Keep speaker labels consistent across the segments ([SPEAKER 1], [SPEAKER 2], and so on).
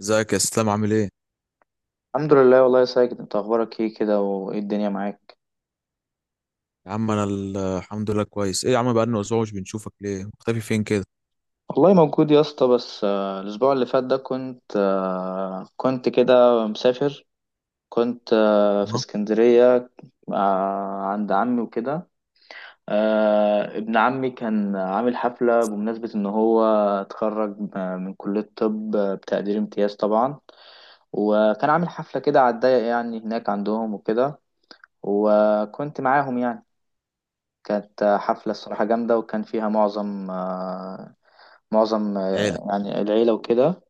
[SPEAKER 1] ازيك يا اسلام، عامل ايه؟
[SPEAKER 2] الحمد لله والله يا ساجد، انت اخبارك ايه كده وايه الدنيا معاك؟
[SPEAKER 1] يا عم انا الحمد لله كويس. ايه يا عم، بقالنا اسبوع مش بنشوفك، ليه مختفي فين كده؟
[SPEAKER 2] والله موجود يا اسطى. بس الاسبوع اللي فات ده كنت كده مسافر. كنت آه، في
[SPEAKER 1] تمام.
[SPEAKER 2] اسكندرية، عند عمي وكده. ابن عمي كان عامل حفلة بمناسبة ان هو اتخرج من كلية طب بتقدير امتياز طبعا. وكان عامل حفلة كده على الضيق يعني هناك عندهم وكده، وكنت معاهم يعني. كانت حفلة الصراحة جامدة، وكان فيها معظم آه، معظم
[SPEAKER 1] عيله.
[SPEAKER 2] آه، يعني العيلة وكده.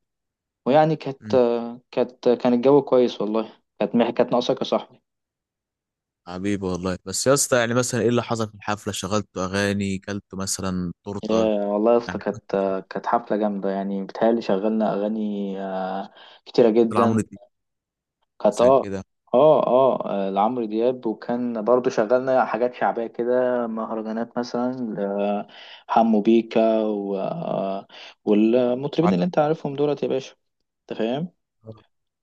[SPEAKER 2] ويعني كانت
[SPEAKER 1] امم
[SPEAKER 2] آه، كانت كان الجو كويس والله. كانت ناقصاك يا صاحبي.
[SPEAKER 1] حبيبي والله. بس يا اسطى يعني مثلا ايه اللي حصل في الحفله؟ شغلتوا اغاني؟ كلتوا مثلا تورته؟
[SPEAKER 2] يا والله يا اسطى
[SPEAKER 1] يعني
[SPEAKER 2] كانت آه، كانت حفلة جامدة يعني. بتهيألي شغلنا أغاني كتيرة جدا.
[SPEAKER 1] عملت ايه
[SPEAKER 2] كانت
[SPEAKER 1] مثلا كده
[SPEAKER 2] لعمرو دياب، وكان برضو شغلنا حاجات شعبية كده، مهرجانات مثلا حمو بيكا و... آه، والمطربين اللي
[SPEAKER 1] على-
[SPEAKER 2] انت عارفهم دولت يا باشا. انت فاهم.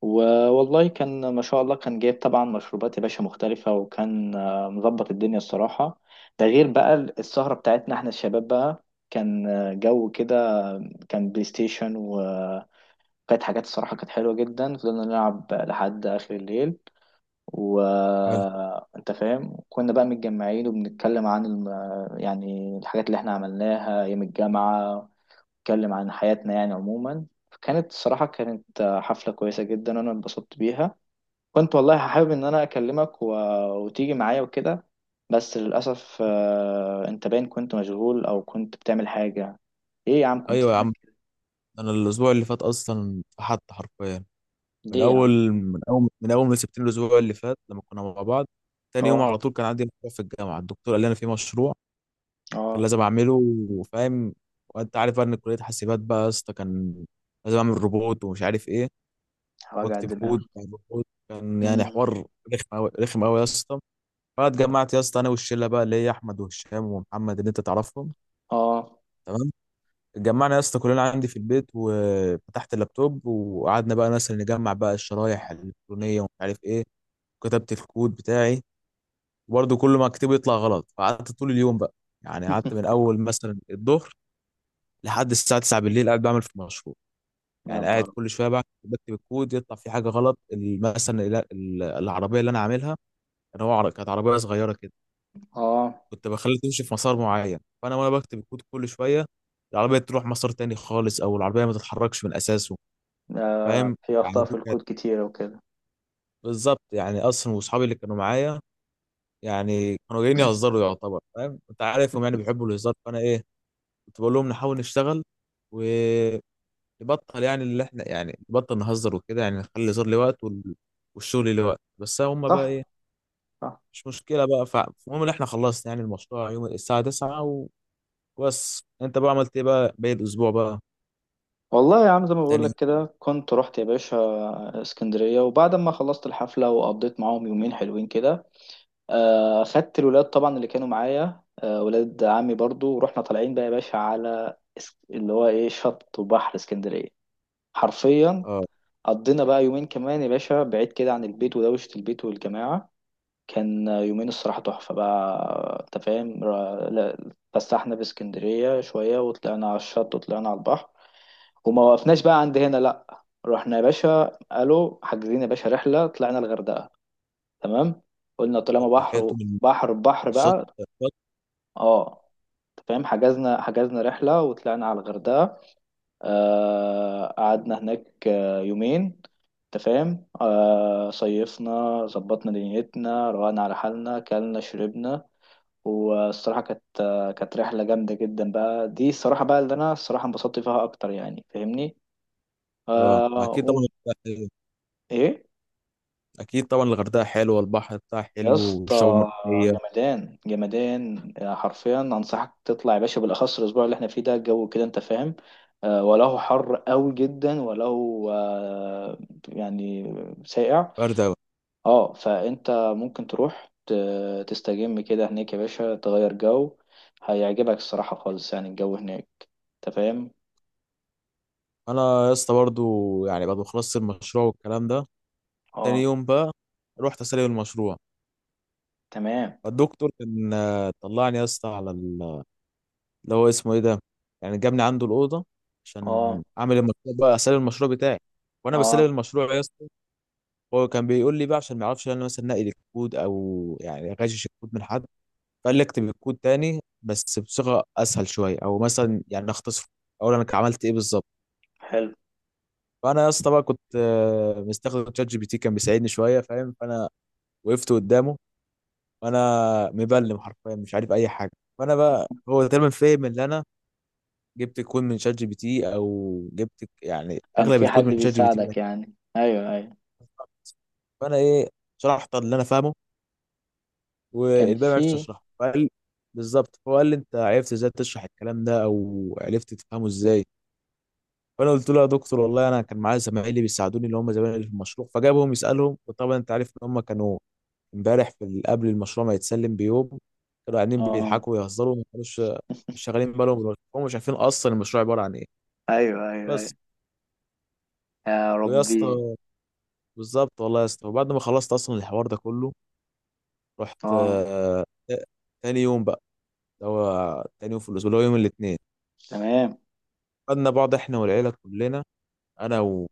[SPEAKER 2] والله كان ما شاء الله، كان جايب طبعا مشروبات يا باشا مختلفة، وكان مظبط الدنيا الصراحة. ده غير بقى السهرة بتاعتنا احنا الشباب بقى. كان جو كده. كان بلاي ستيشن، وكانت حاجات الصراحة كانت حلوة جدا. فضلنا نلعب لحد آخر الليل،
[SPEAKER 1] حلو.
[SPEAKER 2] وانت فاهم. كنا بقى متجمعين وبنتكلم عن يعني الحاجات اللي احنا عملناها أيام الجامعة، نتكلم عن حياتنا يعني عموما. كانت الصراحة كانت حفلة كويسة جدا، وأنا اتبسطت بيها. كنت والله حابب ان انا اكلمك وتيجي معايا وكده. بس للاسف انت باين كنت مشغول او كنت بتعمل حاجه. ايه يا عم، كنت
[SPEAKER 1] ايوه يا
[SPEAKER 2] فينك؟
[SPEAKER 1] عم، انا الاسبوع اللي فات اصلا فحت حرفيا. من
[SPEAKER 2] ليه يا عم؟
[SPEAKER 1] اول من اول من اول ما سبتني الاسبوع اللي فات لما كنا مع بعض، تاني يوم
[SPEAKER 2] اه.
[SPEAKER 1] على طول كان عندي مشروع في الجامعه. الدكتور قال لي انا في مشروع كان
[SPEAKER 2] اه.
[SPEAKER 1] لازم اعمله، فاهم؟ وانت عارف بقى ان كليه حاسبات بقى يا اسطى، كان لازم اعمل روبوت ومش عارف ايه،
[SPEAKER 2] وجع
[SPEAKER 1] واكتب
[SPEAKER 2] الدماغ.
[SPEAKER 1] كود بتاع الروبوت. كان يعني
[SPEAKER 2] مم.
[SPEAKER 1] حوار رخم قوي رخم قوي يا اسطى. فاتجمعت يا اسطى انا والشله بقى اللي هي احمد وهشام ومحمد اللي انت تعرفهم،
[SPEAKER 2] اه.
[SPEAKER 1] تمام. اتجمعنا يا اسطى كلنا عندي في البيت، وفتحت اللابتوب وقعدنا بقى مثلا نجمع بقى الشرايح الالكترونيه ومش عارف ايه، كتبت الكود بتاعي. وبرضه كل ما اكتبه يطلع غلط، فقعدت طول اليوم بقى. يعني قعدت من اول مثلا الظهر لحد الساعه 9 بالليل قاعد بعمل في المشروع.
[SPEAKER 2] يا
[SPEAKER 1] يعني قاعد
[SPEAKER 2] نهار.
[SPEAKER 1] كل شويه بقى بكتب الكود يطلع في حاجه غلط. مثلا العربيه اللي انا عاملها، كانت عربيه صغيره كده،
[SPEAKER 2] اه،
[SPEAKER 1] كنت بخليها تمشي في مسار معين. فانا وانا بكتب الكود، كل شويه العربيه تروح مسار تاني خالص، او العربيه ما تتحركش من اساسه، فاهم.
[SPEAKER 2] في
[SPEAKER 1] يعني
[SPEAKER 2] اخطاء في
[SPEAKER 1] دي كانت
[SPEAKER 2] الكود كتيره وكده.
[SPEAKER 1] بالظبط. يعني اصلا واصحابي اللي كانوا معايا يعني كانوا جايين يهزروا يعتبر، فاهم، انت عارفهم يعني بيحبوا الهزار. فانا ايه، كنت بقول لهم نحاول نشتغل و نبطل يعني اللي احنا، يعني نبطل نهزر وكده، يعني نخلي الهزار ليه وقت وال... والشغل ليه وقت، بس هم بقى
[SPEAKER 2] صح،
[SPEAKER 1] ايه؟
[SPEAKER 2] صح.
[SPEAKER 1] مش مشكله بقى. فالمهم ان احنا خلصنا يعني المشروع يوم الساعه 9 وبس. انت بقى عملت ايه بقى باقي الاسبوع بقى؟
[SPEAKER 2] والله يا عم، زي ما بقول
[SPEAKER 1] تاني.
[SPEAKER 2] لك كده، كنت رحت يا باشا اسكندريه. وبعد ما خلصت الحفله وقضيت معاهم يومين حلوين كده، خدت الولاد طبعا اللي كانوا معايا، ولاد عمي برضو، ورحنا طالعين بقى يا باشا على اللي هو ايه شط وبحر اسكندرية حرفيا.
[SPEAKER 1] اه،
[SPEAKER 2] قضينا بقى يومين كمان يا باشا بعيد كده عن البيت ودوشة البيت والجماعة. كان يومين الصراحة تحفة بقى، انت فاهم. لا، اتفسحنا في اسكندرية شوية وطلعنا على الشط وطلعنا على البحر، وما وقفناش بقى عند هنا. لا، رحنا يا باشا، قالوا حاجزين يا باشا رحلة، طلعنا الغردقة. تمام. قلنا طالما
[SPEAKER 1] صحيت
[SPEAKER 2] بحر،
[SPEAKER 1] من
[SPEAKER 2] بحر بحر
[SPEAKER 1] الشط
[SPEAKER 2] بقى.
[SPEAKER 1] الشط.
[SPEAKER 2] اه، انت فاهم. حجزنا رحلة وطلعنا على الغردقة. آه، قعدنا هناك يومين، انت فاهم. آه، صيفنا، ظبطنا دنيتنا، روقنا على حالنا، كلنا شربنا. والصراحة كانت رحلة جامدة جدا بقى دي الصراحة، بقى اللي أنا الصراحة انبسطت فيها أكتر يعني، فاهمني.
[SPEAKER 1] اه ما
[SPEAKER 2] آه
[SPEAKER 1] اكيد
[SPEAKER 2] و...
[SPEAKER 1] طبعا، حلوة.
[SPEAKER 2] إيه؟
[SPEAKER 1] اكيد طبعا الغردقه حلوه، والبحر بتاعها
[SPEAKER 2] يا
[SPEAKER 1] حلو، والشعاب
[SPEAKER 2] اسطى
[SPEAKER 1] المرجانيه.
[SPEAKER 2] جمدان جمدان، حرفيا انصحك تطلع يا باشا، بالاخص الاسبوع اللي احنا فيه ده الجو كده، انت فاهم. وله حر قوي جدا، وله يعني ساقع.
[SPEAKER 1] برد أوي.
[SPEAKER 2] اه، فانت ممكن تروح تستجم كده هناك يا باشا، تغير جو، هيعجبك الصراحة خالص يعني الجو هناك، انت فاهم.
[SPEAKER 1] انا يا اسطى برضو، يعني بعد ما خلصت المشروع والكلام ده، تاني
[SPEAKER 2] اه،
[SPEAKER 1] يوم بقى رحت اسلم المشروع.
[SPEAKER 2] تمام.
[SPEAKER 1] الدكتور كان طلعني يا اسطى على اللي هو اسمه ايه ده، يعني جابني عنده الاوضه عشان
[SPEAKER 2] اه،
[SPEAKER 1] اعمل المشروع بقى، اسلم المشروع بتاعي. وانا بسلم
[SPEAKER 2] اه،
[SPEAKER 1] المشروع يا اسطى، هو كان بيقول لي بقى عشان ما يعرفش ان انا مثلا نقل الكود او يعني غشش الكود من حد. فقال لي اكتب الكود تاني بس بصيغه اسهل شويه، او مثلا يعني اختصره، اقول انا عملت ايه بالظبط.
[SPEAKER 2] حلو.
[SPEAKER 1] فانا يا اسطى بقى كنت مستخدم شات جي بي تي، كان بيساعدني شويه، فاهم. فانا وقفت قدامه وانا مبلم حرفيا، مش عارف اي حاجه. فانا بقى هو تقريبا فاهم اللي انا جبت الكود من شات جي بي تي، او جبت يعني
[SPEAKER 2] كان
[SPEAKER 1] اغلب
[SPEAKER 2] في حد
[SPEAKER 1] الكود من شات جي بي تي ده.
[SPEAKER 2] بيساعدك يعني، ايوه، ايوه.
[SPEAKER 1] فانا ايه، شرحت اللي انا فاهمه،
[SPEAKER 2] كان
[SPEAKER 1] والباقي ما عرفتش
[SPEAKER 2] في.
[SPEAKER 1] اشرحه. فقال بالظبط، هو قال لي انت عرفت ازاي تشرح الكلام ده، او عرفت تفهمه ازاي؟ فانا قلت له يا دكتور والله انا كان معايا زمايلي بيساعدوني اللي هم زمايلي في المشروع. فجابهم يسالهم، وطبعا انت عارف ان هم كانوا امبارح قبل المشروع ما يتسلم بيوم كانوا قاعدين
[SPEAKER 2] اه،
[SPEAKER 1] بيضحكوا ويهزروا، ما كانوش مش شغالين بالهم، هم مش عارفين اصلا المشروع عباره عن ايه.
[SPEAKER 2] ايوه، ايوه.
[SPEAKER 1] بس.
[SPEAKER 2] يا
[SPEAKER 1] ويا
[SPEAKER 2] ربي.
[SPEAKER 1] اسطى بالظبط والله يا اسطى، وبعد ما خلصت اصلا الحوار ده كله، رحت
[SPEAKER 2] اه،
[SPEAKER 1] تاني يوم بقى اللي هو تاني يوم في الاسبوع اللي هو يوم الاثنين.
[SPEAKER 2] تمام.
[SPEAKER 1] خدنا بعض احنا والعيله كلنا، انا و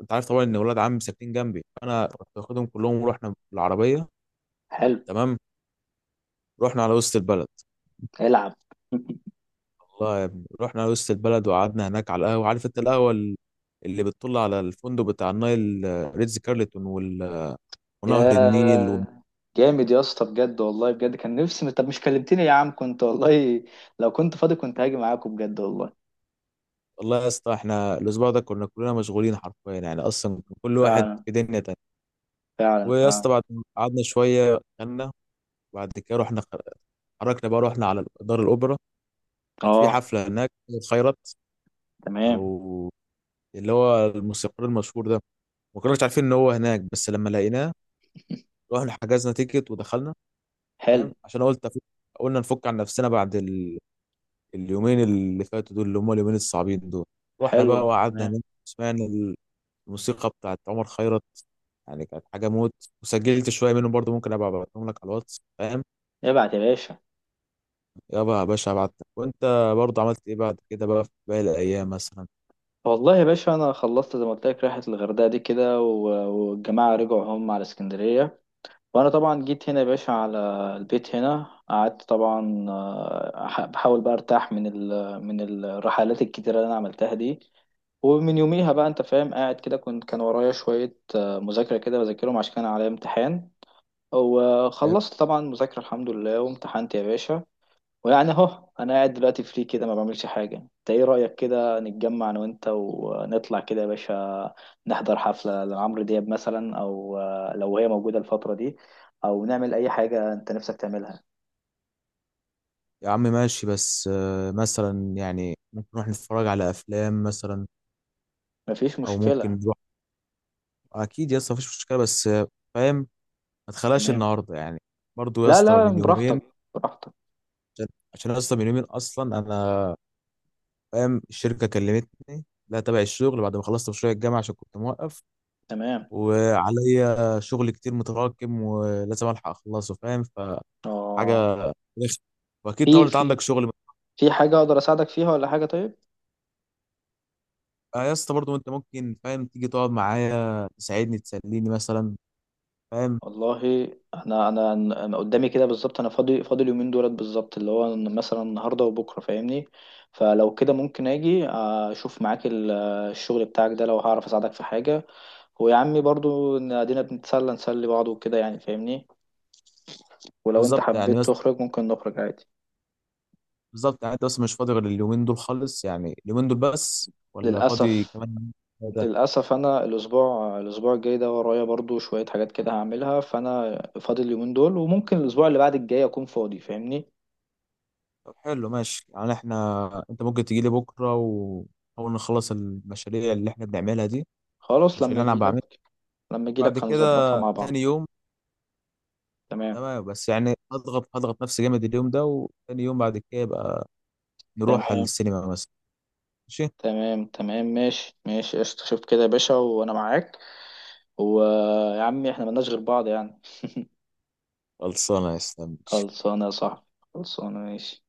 [SPEAKER 1] انت عارف طبعا ان ولاد عمي ساكنين جنبي، انا كنت واخدهم كلهم ورحنا بالعربيه.
[SPEAKER 2] حلو.
[SPEAKER 1] تمام. رحنا على وسط البلد.
[SPEAKER 2] العب.
[SPEAKER 1] الله يا ابني، رحنا على وسط البلد وقعدنا هناك على القهوه. عارف انت القهوه اللي بتطل على الفندق بتاع النايل، ريتز كارلتون ونهر النيل.
[SPEAKER 2] يا جامد يا اسطى، بجد والله بجد كان نفسي. طب مش كلمتني يا عم؟ كنت والله لو كنت فاضي كنت هاجي معاكم بجد والله.
[SPEAKER 1] والله يا اسطى احنا الاسبوع ده كنا كلنا مشغولين حرفيا، يعني اصلا كان كل واحد
[SPEAKER 2] فعلا،
[SPEAKER 1] في دنيا تانية.
[SPEAKER 2] فعلا،
[SPEAKER 1] ويا
[SPEAKER 2] فعلا.
[SPEAKER 1] اسطى بعد ما قعدنا شويه غنى، وبعد كده اتحركنا بقى، رحنا على دار الاوبرا. كانت في
[SPEAKER 2] اه،
[SPEAKER 1] حفله هناك، خيرت،
[SPEAKER 2] تمام.
[SPEAKER 1] او اللي هو الموسيقار المشهور ده. ما كناش عارفين ان هو هناك، بس لما لقيناه رحنا حجزنا تيكت ودخلنا، فاهم.
[SPEAKER 2] حلو،
[SPEAKER 1] عشان قلنا نفك عن نفسنا بعد اليومين اللي فاتوا دول، اللي هم اليومين الصعبين دول. رحنا
[SPEAKER 2] حلو،
[SPEAKER 1] بقى وقعدنا
[SPEAKER 2] تمام.
[SPEAKER 1] هناك، سمعنا الموسيقى بتاعت عمر خيرت. يعني كانت حاجة موت. وسجلت شوية منهم برضو، ممكن أبقى أبعتهم لك على الواتس، فاهم.
[SPEAKER 2] ابعت يا باشا.
[SPEAKER 1] يابا يا باشا أبعت لك. وأنت برضو عملت إيه بعد كده بقى في باقي الأيام مثلا؟
[SPEAKER 2] والله يا باشا انا خلصت زي ما قلت لك، رحله الغردقه دي كده والجماعه رجعوا هم على اسكندريه، وانا طبعا جيت هنا يا باشا على البيت هنا. قعدت طبعا، بحاول بقى ارتاح من ال من الرحلات الكتيره اللي انا عملتها دي. ومن يوميها بقى انت فاهم قاعد كده، كنت كان ورايا شويه مذاكره كده، بذاكرهم عشان كان عليا امتحان.
[SPEAKER 1] إيه؟
[SPEAKER 2] وخلصت طبعا مذاكره الحمد لله، وامتحنت يا باشا. ويعني اهو انا قاعد دلوقتي فري كده، ما بعملش حاجه. انت ايه رايك كده نتجمع انا وانت ونطلع كده يا باشا، نحضر حفله لعمرو دياب مثلا، او لو هي موجوده الفتره دي، او نعمل اي حاجه انت نفسك تعملها.
[SPEAKER 1] يا عم ماشي، بس مثلا يعني ممكن نروح نتفرج على أفلام مثلا،
[SPEAKER 2] مفيش
[SPEAKER 1] أو ممكن
[SPEAKER 2] مشكله.
[SPEAKER 1] نروح. أكيد يا اسطى مفيش مشكلة، بس فاهم، ما تخلاش
[SPEAKER 2] تمام.
[SPEAKER 1] النهاردة يعني. برضو يا
[SPEAKER 2] لا،
[SPEAKER 1] اسطى
[SPEAKER 2] لا،
[SPEAKER 1] من
[SPEAKER 2] براحتك،
[SPEAKER 1] يومين.
[SPEAKER 2] براحتك.
[SPEAKER 1] عشان عشان يا اسطى من يومين أصلا أنا، فاهم، الشركة كلمتني لا تبع الشغل بعد ما خلصت مشروع الجامعة، عشان كنت موقف.
[SPEAKER 2] تمام.
[SPEAKER 1] وعليا شغل كتير متراكم ولازم الحق اخلصه، فاهم.
[SPEAKER 2] اه،
[SPEAKER 1] فحاجه رخمة. واكيد طبعا
[SPEAKER 2] في،
[SPEAKER 1] انت
[SPEAKER 2] في
[SPEAKER 1] عندك شغل.
[SPEAKER 2] في حاجه اقدر اساعدك فيها ولا حاجه؟ طيب.
[SPEAKER 1] آه يا اسطى برضه انت ممكن، فاهم، تيجي تقعد معايا تساعدني تسليني مثلا، فاهم.
[SPEAKER 2] والله انا، انا قدامي كده بالظبط، انا فاضي فاضي اليومين دولت بالظبط، اللي هو مثلا النهارده وبكره، فاهمني. فلو كده ممكن اجي اشوف معاك الشغل بتاعك ده، لو هعرف اساعدك في حاجه. ويا عمي برضو إن ادينا بنتسلى نسلي بعض وكده يعني فاهمني. ولو انت
[SPEAKER 1] بالظبط يعني
[SPEAKER 2] حبيت
[SPEAKER 1] بس،
[SPEAKER 2] تخرج ممكن نخرج عادي.
[SPEAKER 1] بالظبط يعني انت بس مش فاضي غير اليومين دول خالص؟ يعني اليومين دول بس ولا فاضي
[SPEAKER 2] للاسف.
[SPEAKER 1] كمان ده؟
[SPEAKER 2] للاسف انا الاسبوع الجاي ده ورايا برضو شويه حاجات كده هعملها. فانا فاضي اليومين دول، وممكن الاسبوع اللي بعد الجاي اكون فاضي فاهمني.
[SPEAKER 1] طب حلو ماشي، يعني احنا انت ممكن تجي لي بكره ونحاول نخلص المشاريع اللي احنا بنعملها دي،
[SPEAKER 2] خلاص
[SPEAKER 1] المشاريع
[SPEAKER 2] لما
[SPEAKER 1] اللي انا
[SPEAKER 2] اجي،
[SPEAKER 1] بعملها،
[SPEAKER 2] لما
[SPEAKER 1] بعد
[SPEAKER 2] اجيلك
[SPEAKER 1] كده
[SPEAKER 2] هنظبطها مع
[SPEAKER 1] تاني
[SPEAKER 2] بعض.
[SPEAKER 1] يوم.
[SPEAKER 2] تمام.
[SPEAKER 1] تمام بس يعني هضغط هضغط نفسي جامد اليوم ده، وتاني يوم بعد كده يبقى نروح على
[SPEAKER 2] تمام.
[SPEAKER 1] السينما مثلا. ماشي.
[SPEAKER 2] تمام. تمام، ماشي، ماشي قشطة. شوف كده يا باشا وانا معاك. ويا عمي احنا ملناش غير بعض يعني.
[SPEAKER 1] خلصانه يا اسلام.
[SPEAKER 2] خلصانة يا صاحبي. خلصانة. ماشي.